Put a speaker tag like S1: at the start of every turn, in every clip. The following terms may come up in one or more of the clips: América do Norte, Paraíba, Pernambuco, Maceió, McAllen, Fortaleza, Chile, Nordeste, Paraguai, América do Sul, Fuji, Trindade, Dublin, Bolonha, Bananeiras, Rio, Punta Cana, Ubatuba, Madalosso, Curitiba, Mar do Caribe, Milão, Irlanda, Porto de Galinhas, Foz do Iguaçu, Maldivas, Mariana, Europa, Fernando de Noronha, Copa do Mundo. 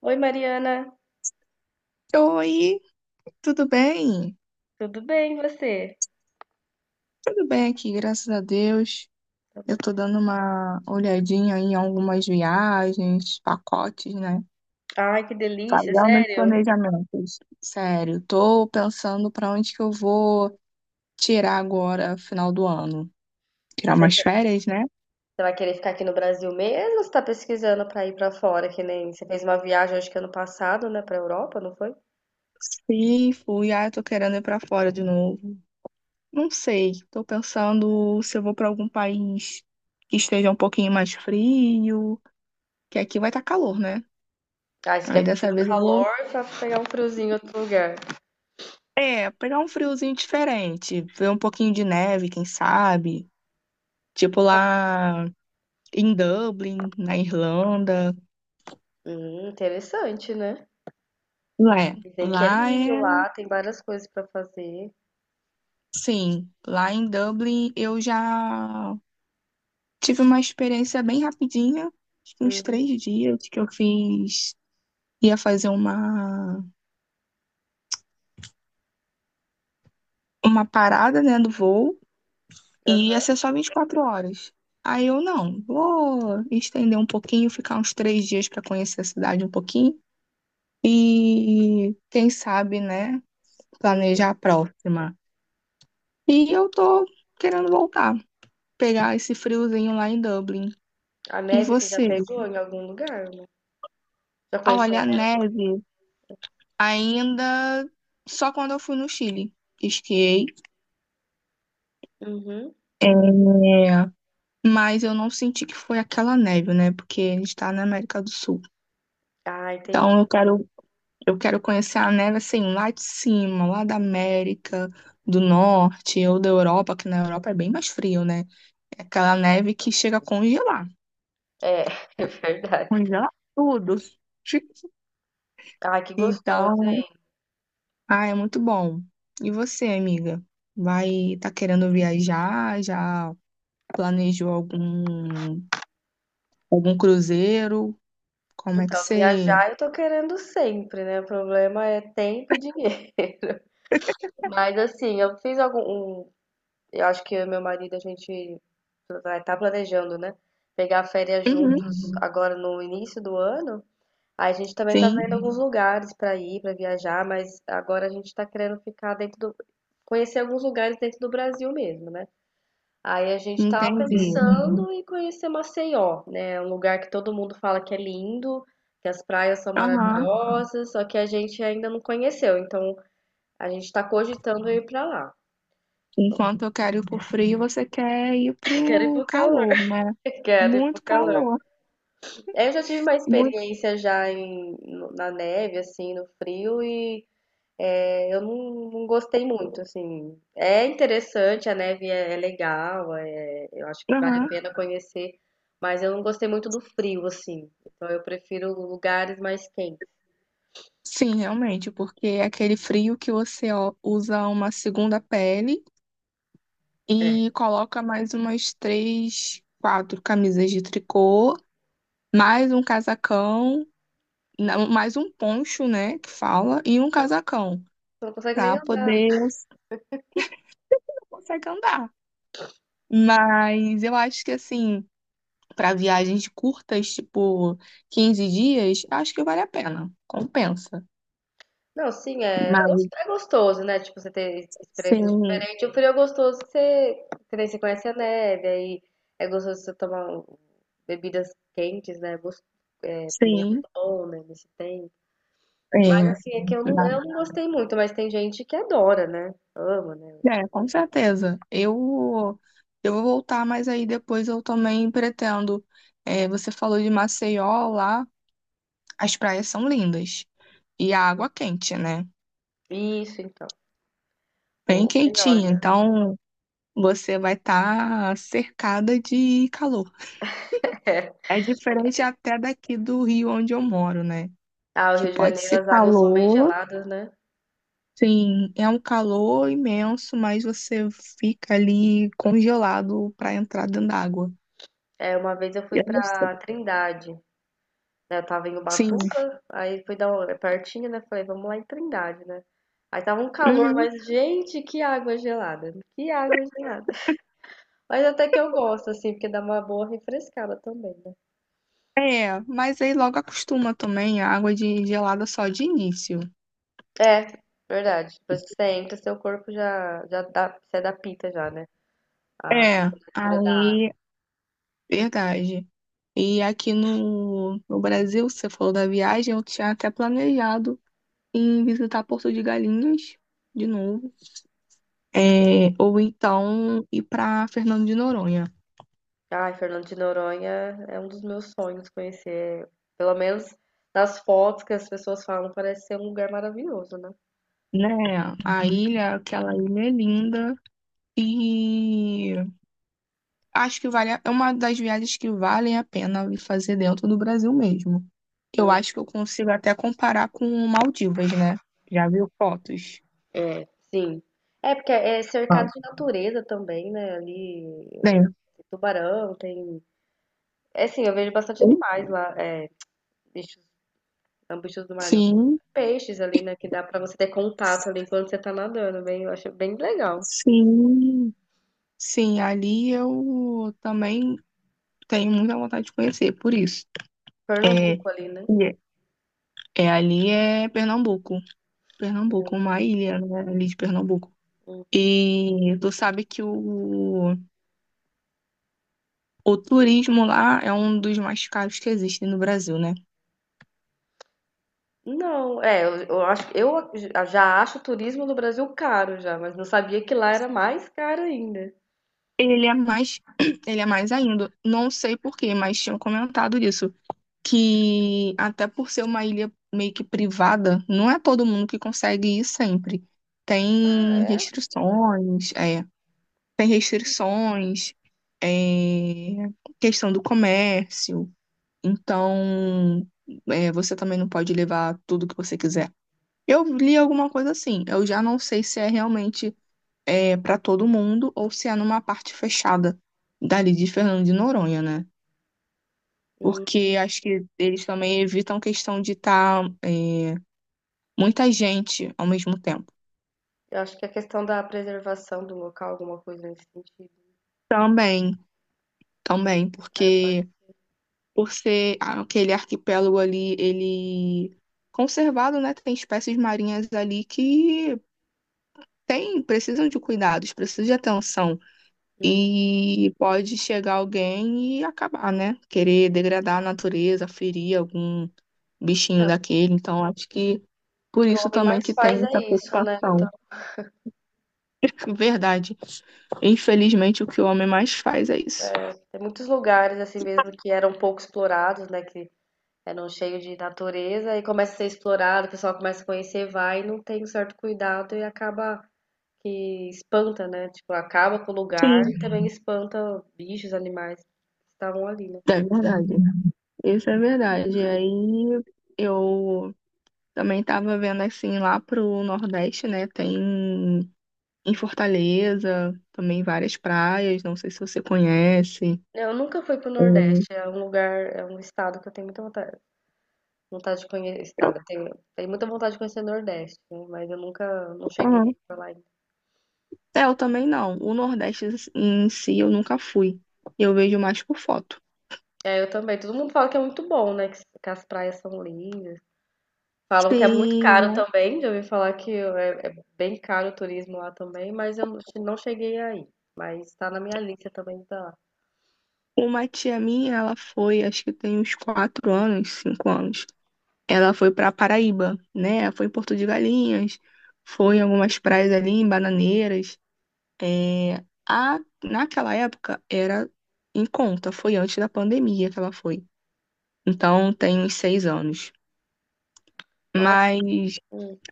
S1: Oi, Mariana,
S2: Oi, tudo bem?
S1: tudo bem e você?
S2: Tudo bem aqui, graças a Deus.
S1: Tá
S2: Eu
S1: bom.
S2: tô dando uma olhadinha em algumas viagens, pacotes, né?
S1: Ai, que delícia,
S2: Fazendo os
S1: sério?
S2: planejamentos. Sério, tô pensando pra onde que eu vou tirar agora, final do ano. Tirar
S1: Você
S2: umas
S1: quer-
S2: férias, né?
S1: você vai querer ficar aqui no Brasil mesmo, ou você tá pesquisando pra ir pra fora, que nem você fez uma viagem acho que ano passado, né, pra Europa, não foi?
S2: Sim, fui. Ah, eu tô querendo ir pra fora de novo. Não sei, tô pensando se eu vou pra algum país que esteja um pouquinho mais frio, que aqui vai estar calor, né?
S1: Ai, você
S2: Aí
S1: quer fugir
S2: dessa
S1: do
S2: vez eu vou
S1: calor pra pegar um friozinho em outro lugar?
S2: é, pegar um friozinho diferente, ver um pouquinho de neve, quem sabe? Tipo lá em Dublin, na Irlanda.
S1: Interessante, né?
S2: Lá é,
S1: Dizem que é
S2: lá
S1: lindo
S2: é,
S1: lá, tem várias coisas pra fazer.
S2: sim, lá em Dublin eu já tive uma experiência bem rapidinha, acho que uns
S1: Uhum,
S2: 3 dias que eu fiz, ia fazer uma parada, né, do voo e ia
S1: aham,
S2: ser só 24 horas. Aí eu não, vou estender um pouquinho, ficar uns 3 dias para conhecer a cidade um pouquinho. E quem sabe, né,
S1: uhum.
S2: planejar a próxima. E eu tô querendo voltar, pegar esse friozinho lá em Dublin.
S1: A
S2: E
S1: neve você já
S2: vocês?
S1: pegou em algum lugar, né? Já
S2: Ah,
S1: conheceu
S2: olha,
S1: a
S2: a
S1: neve?
S2: neve ainda só quando eu fui no Chile. Esquiei.
S1: Uhum.
S2: É, mas eu não senti que foi aquela neve, né? Porque a gente tá na América do Sul.
S1: Ah, entendi.
S2: Então eu quero conhecer a neve assim, lá de cima, lá da América do Norte ou da Europa, que na Europa é bem mais frio, né? É aquela neve que chega a congelar.
S1: É, é verdade.
S2: Congelar tudo.
S1: Ai, que gostoso.
S2: Então, ah, é muito bom. E você, amiga? Vai, tá querendo viajar? Já planejou algum cruzeiro? Como é que
S1: Então,
S2: você?
S1: viajar eu tô querendo sempre, né? O problema é tempo e dinheiro. Mas assim, eu fiz algum. um- eu acho que eu e meu marido a gente vai estar planejando, né? Pegar férias
S2: Uhum,
S1: juntos, uhum, agora no início do ano. Aí a gente também tá
S2: sim,
S1: vendo alguns lugares pra ir, pra viajar, mas agora a gente tá querendo ficar dentro do. Conhecer alguns lugares dentro do Brasil mesmo, né? Aí a gente tava
S2: entendi.
S1: pensando em conhecer Maceió, né? É. Um lugar que todo mundo fala que é lindo, que as praias são
S2: Aham.
S1: maravilhosas, só que a gente ainda não conheceu. Então a gente tá cogitando ir pra lá.
S2: Enquanto eu quero ir pro frio, você quer ir
S1: Quero ir
S2: pro
S1: pro calor.
S2: calor, né?
S1: Quero ir pro
S2: Muito
S1: calor.
S2: calor.
S1: Eu já tive uma
S2: Muito.
S1: experiência já na neve, assim, no frio, e eu não, não gostei muito, assim. É interessante, a neve é legal, eu acho que vale a
S2: Aham.
S1: pena conhecer, mas eu não gostei muito do frio, assim. Então eu prefiro lugares mais quentes.
S2: Sim, realmente, porque é aquele frio que você ó, usa uma segunda pele e coloca mais umas três, quatro camisas de tricô, mais um casacão, não, mais um poncho, né, que fala, e um casacão,
S1: Você não consegue nem
S2: pra
S1: andar.
S2: poder você consegue andar. Mas eu acho que assim, para viagens curtas, tipo 15 dias, acho que vale a pena, compensa.
S1: Não, sim, é,
S2: Mas
S1: é gostoso, né? Tipo, você ter experiências
S2: sim,
S1: diferentes. O frio é gostoso que você, que nem você conhece a neve, aí é gostoso você tomar bebidas quentes, né? É, também é
S2: sim,
S1: muito bom, né? Nesse tempo. Mas
S2: é.
S1: assim, é que eu não gostei muito, mas tem gente que adora, né? Ama, né?
S2: É, com certeza. Eu vou voltar, mas aí depois eu também pretendo. É, você falou de Maceió lá, as praias são lindas. E a água quente, né?
S1: Isso, então.
S2: Bem
S1: O melhor,
S2: quentinha.
S1: né?
S2: Então você vai estar cercada de calor. É diferente até daqui do Rio onde eu moro, né?
S1: Ah, o
S2: Que
S1: Rio de
S2: pode
S1: Janeiro,
S2: ser
S1: as águas são bem
S2: calor,
S1: geladas, né?
S2: sim, é um calor imenso, mas você fica ali congelado para entrar dentro d'água.
S1: É, uma vez eu fui
S2: Eu não sei.
S1: pra Trindade, né? Eu tava em
S2: Sim.
S1: Ubatuba, aí fui dar uma, é pertinho, né? Falei, vamos lá em Trindade, né? Aí tava um calor,
S2: Uhum.
S1: mas gente, que água gelada, né? Que água gelada. Mas até que eu gosto, assim, porque dá uma boa refrescada também, né?
S2: É, mas aí logo acostuma também a água de gelada só de início.
S1: É, verdade. Depois que você entra, seu corpo já, já dá, se adapta já, né? A
S2: É,
S1: temperatura da água.
S2: aí, verdade. E aqui no Brasil, você falou da viagem, eu tinha até planejado em visitar Porto de Galinhas de novo, é, ou então ir para Fernando de Noronha,
S1: Ai, Fernando de Noronha é um dos meus sonhos conhecer. Pelo menos nas fotos que as pessoas falam, parece ser um lugar maravilhoso, né?
S2: né? A ilha, aquela ilha é linda e acho que vale, a- é uma das viagens que valem a pena fazer dentro do Brasil mesmo. Eu acho que eu consigo até comparar com Maldivas, né? Já viu fotos?
S1: Sim. É porque é cercado
S2: Ah,
S1: de natureza também, né? Ali
S2: bem,
S1: tem tubarão, tem. É assim, eu vejo bastante animais lá, é, bichos, bichos do mar não.
S2: sim,
S1: Peixes ali, né? Que dá pra você ter contato ali enquanto você tá nadando, bem, eu acho bem legal.
S2: sim, sim. Ali eu também tenho muita vontade de conhecer, por isso. É,
S1: Pernambuco ali, né?
S2: e é é ali é Pernambuco, Pernambuco, uma ilha, né, ali de Pernambuco. E tu sabe que o turismo lá é um dos mais caros que existem no Brasil, né?
S1: Não, é, eu acho, já acho o turismo no Brasil caro já, mas não sabia que lá era mais caro ainda.
S2: Ele é mais, ele é mais ainda. Não sei por quê, mas tinham comentado isso. Que até por ser uma ilha meio que privada, não é todo mundo que consegue ir sempre.
S1: Ah,
S2: Tem
S1: é?
S2: restrições, é, tem restrições, é, questão do comércio. Então, é, você também não pode levar tudo que você quiser. Eu li alguma coisa assim. Eu já não sei se é realmente é, para todo mundo ou se é numa parte fechada dali de Fernando de Noronha, né?
S1: Hum,
S2: Porque acho que eles também evitam questão de estar muita gente ao mesmo tempo.
S1: eu acho que a questão da preservação do local, alguma coisa nesse sentido.
S2: Também, também,
S1: É, pode.
S2: porque por ser aquele arquipélago ali, ele conservado, né? Tem espécies marinhas ali que tem, precisam de cuidados, precisam de atenção.
S1: Uhum.
S2: E pode chegar alguém e acabar, né? Querer degradar a natureza, ferir algum
S1: É,
S2: bichinho
S1: o
S2: daquele. Então, acho que por
S1: que o
S2: isso
S1: homem
S2: também
S1: mais
S2: que tem
S1: faz
S2: essa
S1: é isso, né? Então,
S2: preocupação. Verdade. Infelizmente, o que o homem mais faz é isso.
S1: tem muitos lugares assim mesmo que eram pouco explorados, né? Que eram cheios de natureza e começa a ser explorado, o pessoal começa a conhecer, vai e não tem um certo cuidado e acaba que espanta, né? Tipo, acaba com o lugar
S2: Sim.
S1: e também espanta bichos, animais que estavam ali, né?
S2: É verdade. Isso é verdade. Aí eu também tava vendo assim lá pro Nordeste, né? Tem em Fortaleza também várias praias. Não sei se você conhece.
S1: Eu nunca fui pro
S2: Hum.
S1: Nordeste, é um lugar, é um estado que eu tenho muita vontade, vontade de conhecer, estado, eu tenho muita vontade de conhecer o Nordeste, né? Mas eu nunca, não cheguei
S2: Aham.
S1: pra lá ainda.
S2: É, eu também não. O Nordeste em si eu nunca fui. Eu vejo mais por foto.
S1: É, eu também, todo mundo fala que é muito bom, né? Que as praias são lindas. Falam que é muito
S2: Sim,
S1: caro também, já ouvi falar que é bem caro o turismo lá também, mas eu não cheguei aí. Mas tá na minha lista também, tá lá.
S2: uma tia minha, ela foi, acho que tem uns 4 anos, 5 anos. Ela foi para Paraíba, né? Foi em Porto de Galinhas, foi em algumas praias ali, em Bananeiras. É, a, naquela época era em conta, foi antes da pandemia que ela foi. Então tem uns 6 anos.
S1: Nossa,
S2: Mas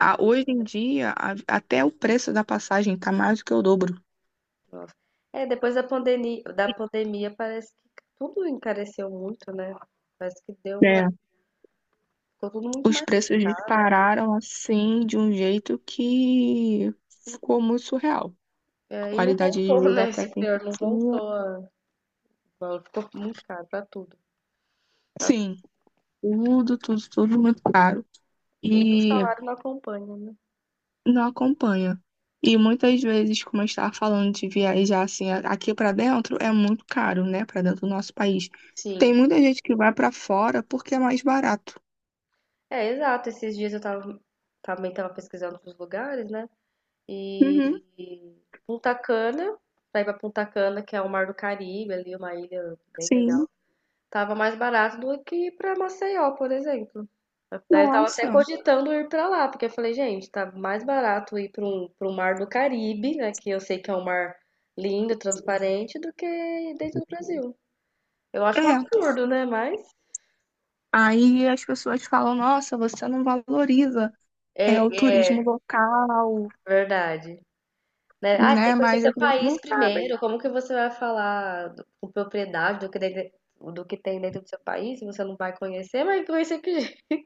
S2: a- hoje em dia, a- até o preço da passagem tá mais do que o dobro.
S1: nossa. É, depois da pandemia, parece que tudo encareceu muito, né? Parece que deu uma,
S2: Né?
S1: ficou tudo muito
S2: Os
S1: mais
S2: preços
S1: caro.
S2: dispararam assim de um jeito que ficou muito surreal. A
S1: É, e não
S2: qualidade de
S1: voltou,
S2: vida
S1: né?
S2: até
S1: Esse
S2: que a
S1: pior,
S2: gente
S1: não
S2: tinha.
S1: voltou. Igual, ficou muito caro pra tudo. Pra
S2: Sim, tudo, tudo, tudo muito caro
S1: E o
S2: e
S1: salário não acompanha, né?
S2: não acompanha. E muitas vezes, como eu estava falando de viajar assim, a- aqui para dentro é muito caro, né? Para dentro do nosso país. Tem
S1: Sim.
S2: muita gente que vai para fora porque é mais barato.
S1: É, exato. Esses dias eu tava, também tava pesquisando os lugares, né? E
S2: Uhum,
S1: Punta Cana, pra ir pra Punta Cana, que é o Mar do Caribe, ali, uma ilha bem
S2: sim.
S1: legal. Tava mais barato do que ir pra Maceió, por exemplo. Daí eu tava até
S2: Nossa.
S1: cogitando ir pra lá, porque eu falei, gente, tá mais barato ir para um mar do Caribe, né, que eu sei que é um mar lindo, transparente, do que dentro do Brasil. Eu acho um
S2: É.
S1: absurdo, né, mas
S2: Aí as pessoas falam, nossa, você não valoriza é
S1: é,
S2: o turismo
S1: é
S2: local,
S1: verdade. Né? Ah, você tem
S2: né?
S1: que conhecer
S2: Mas
S1: seu
S2: as pessoas não
S1: país
S2: sabem.
S1: primeiro, como que você vai falar com propriedade do que, do que tem dentro do seu país, se você não vai conhecer, mas conhecer que jeito?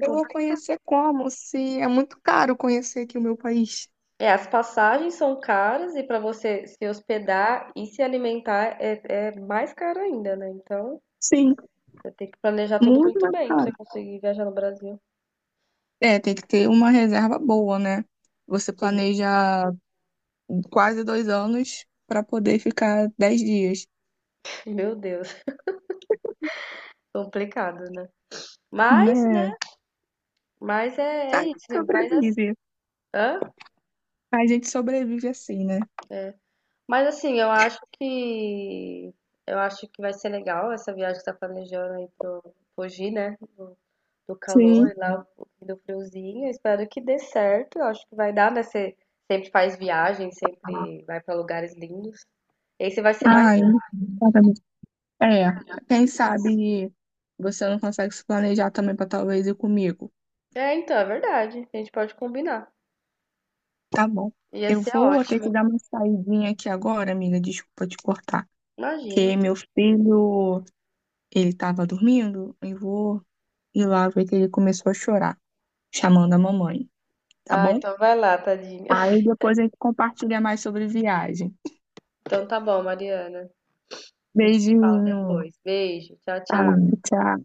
S2: Eu vou conhecer como? Se é muito caro conhecer aqui o meu país.
S1: É, as passagens são caras e para você se hospedar e se alimentar é mais caro ainda, né? Então,
S2: Sim,
S1: tem que planejar tudo
S2: muito
S1: muito
S2: mais
S1: bem pra você
S2: caro.
S1: conseguir viajar no Brasil.
S2: É, tem que ter uma reserva boa, né? Você
S1: Sim.
S2: planeja quase 2 anos para poder ficar 10 dias,
S1: Meu Deus, complicado, né? Mas, né?
S2: né?
S1: Mas é,
S2: A
S1: é
S2: gente
S1: isso. Vai dar.
S2: sobrevive.
S1: Hã?
S2: A gente sobrevive assim, né?
S1: Mas assim, eu acho que vai ser legal essa viagem que você tá planejando aí pro Fuji, né? Do calor
S2: Sim.
S1: e lá do friozinho. Eu espero que dê certo. Eu acho que vai dar, né? Você sempre faz viagem, sempre vai pra lugares lindos. Esse vai ser mais.
S2: Ai, exatamente. É, quem sabe você não consegue se planejar também para talvez ir comigo.
S1: É, então, é verdade. A gente pode combinar.
S2: Tá bom.
S1: Ia
S2: Eu
S1: ser
S2: vou ter
S1: ótimo.
S2: que dar uma saidinha aqui agora, amiga. Desculpa te cortar. Que
S1: Imagino.
S2: meu filho, ele tava dormindo. Eu vou ir lá ver que ele começou a chorar. Chamando a mamãe, tá
S1: Ah,
S2: bom?
S1: então vai lá, tadinha.
S2: Aí depois a gente compartilha mais sobre viagem.
S1: Então tá bom, Mariana. A gente se fala
S2: Beijinho.
S1: depois. Beijo. Tchau,
S2: Tá,
S1: tchau.
S2: tchau.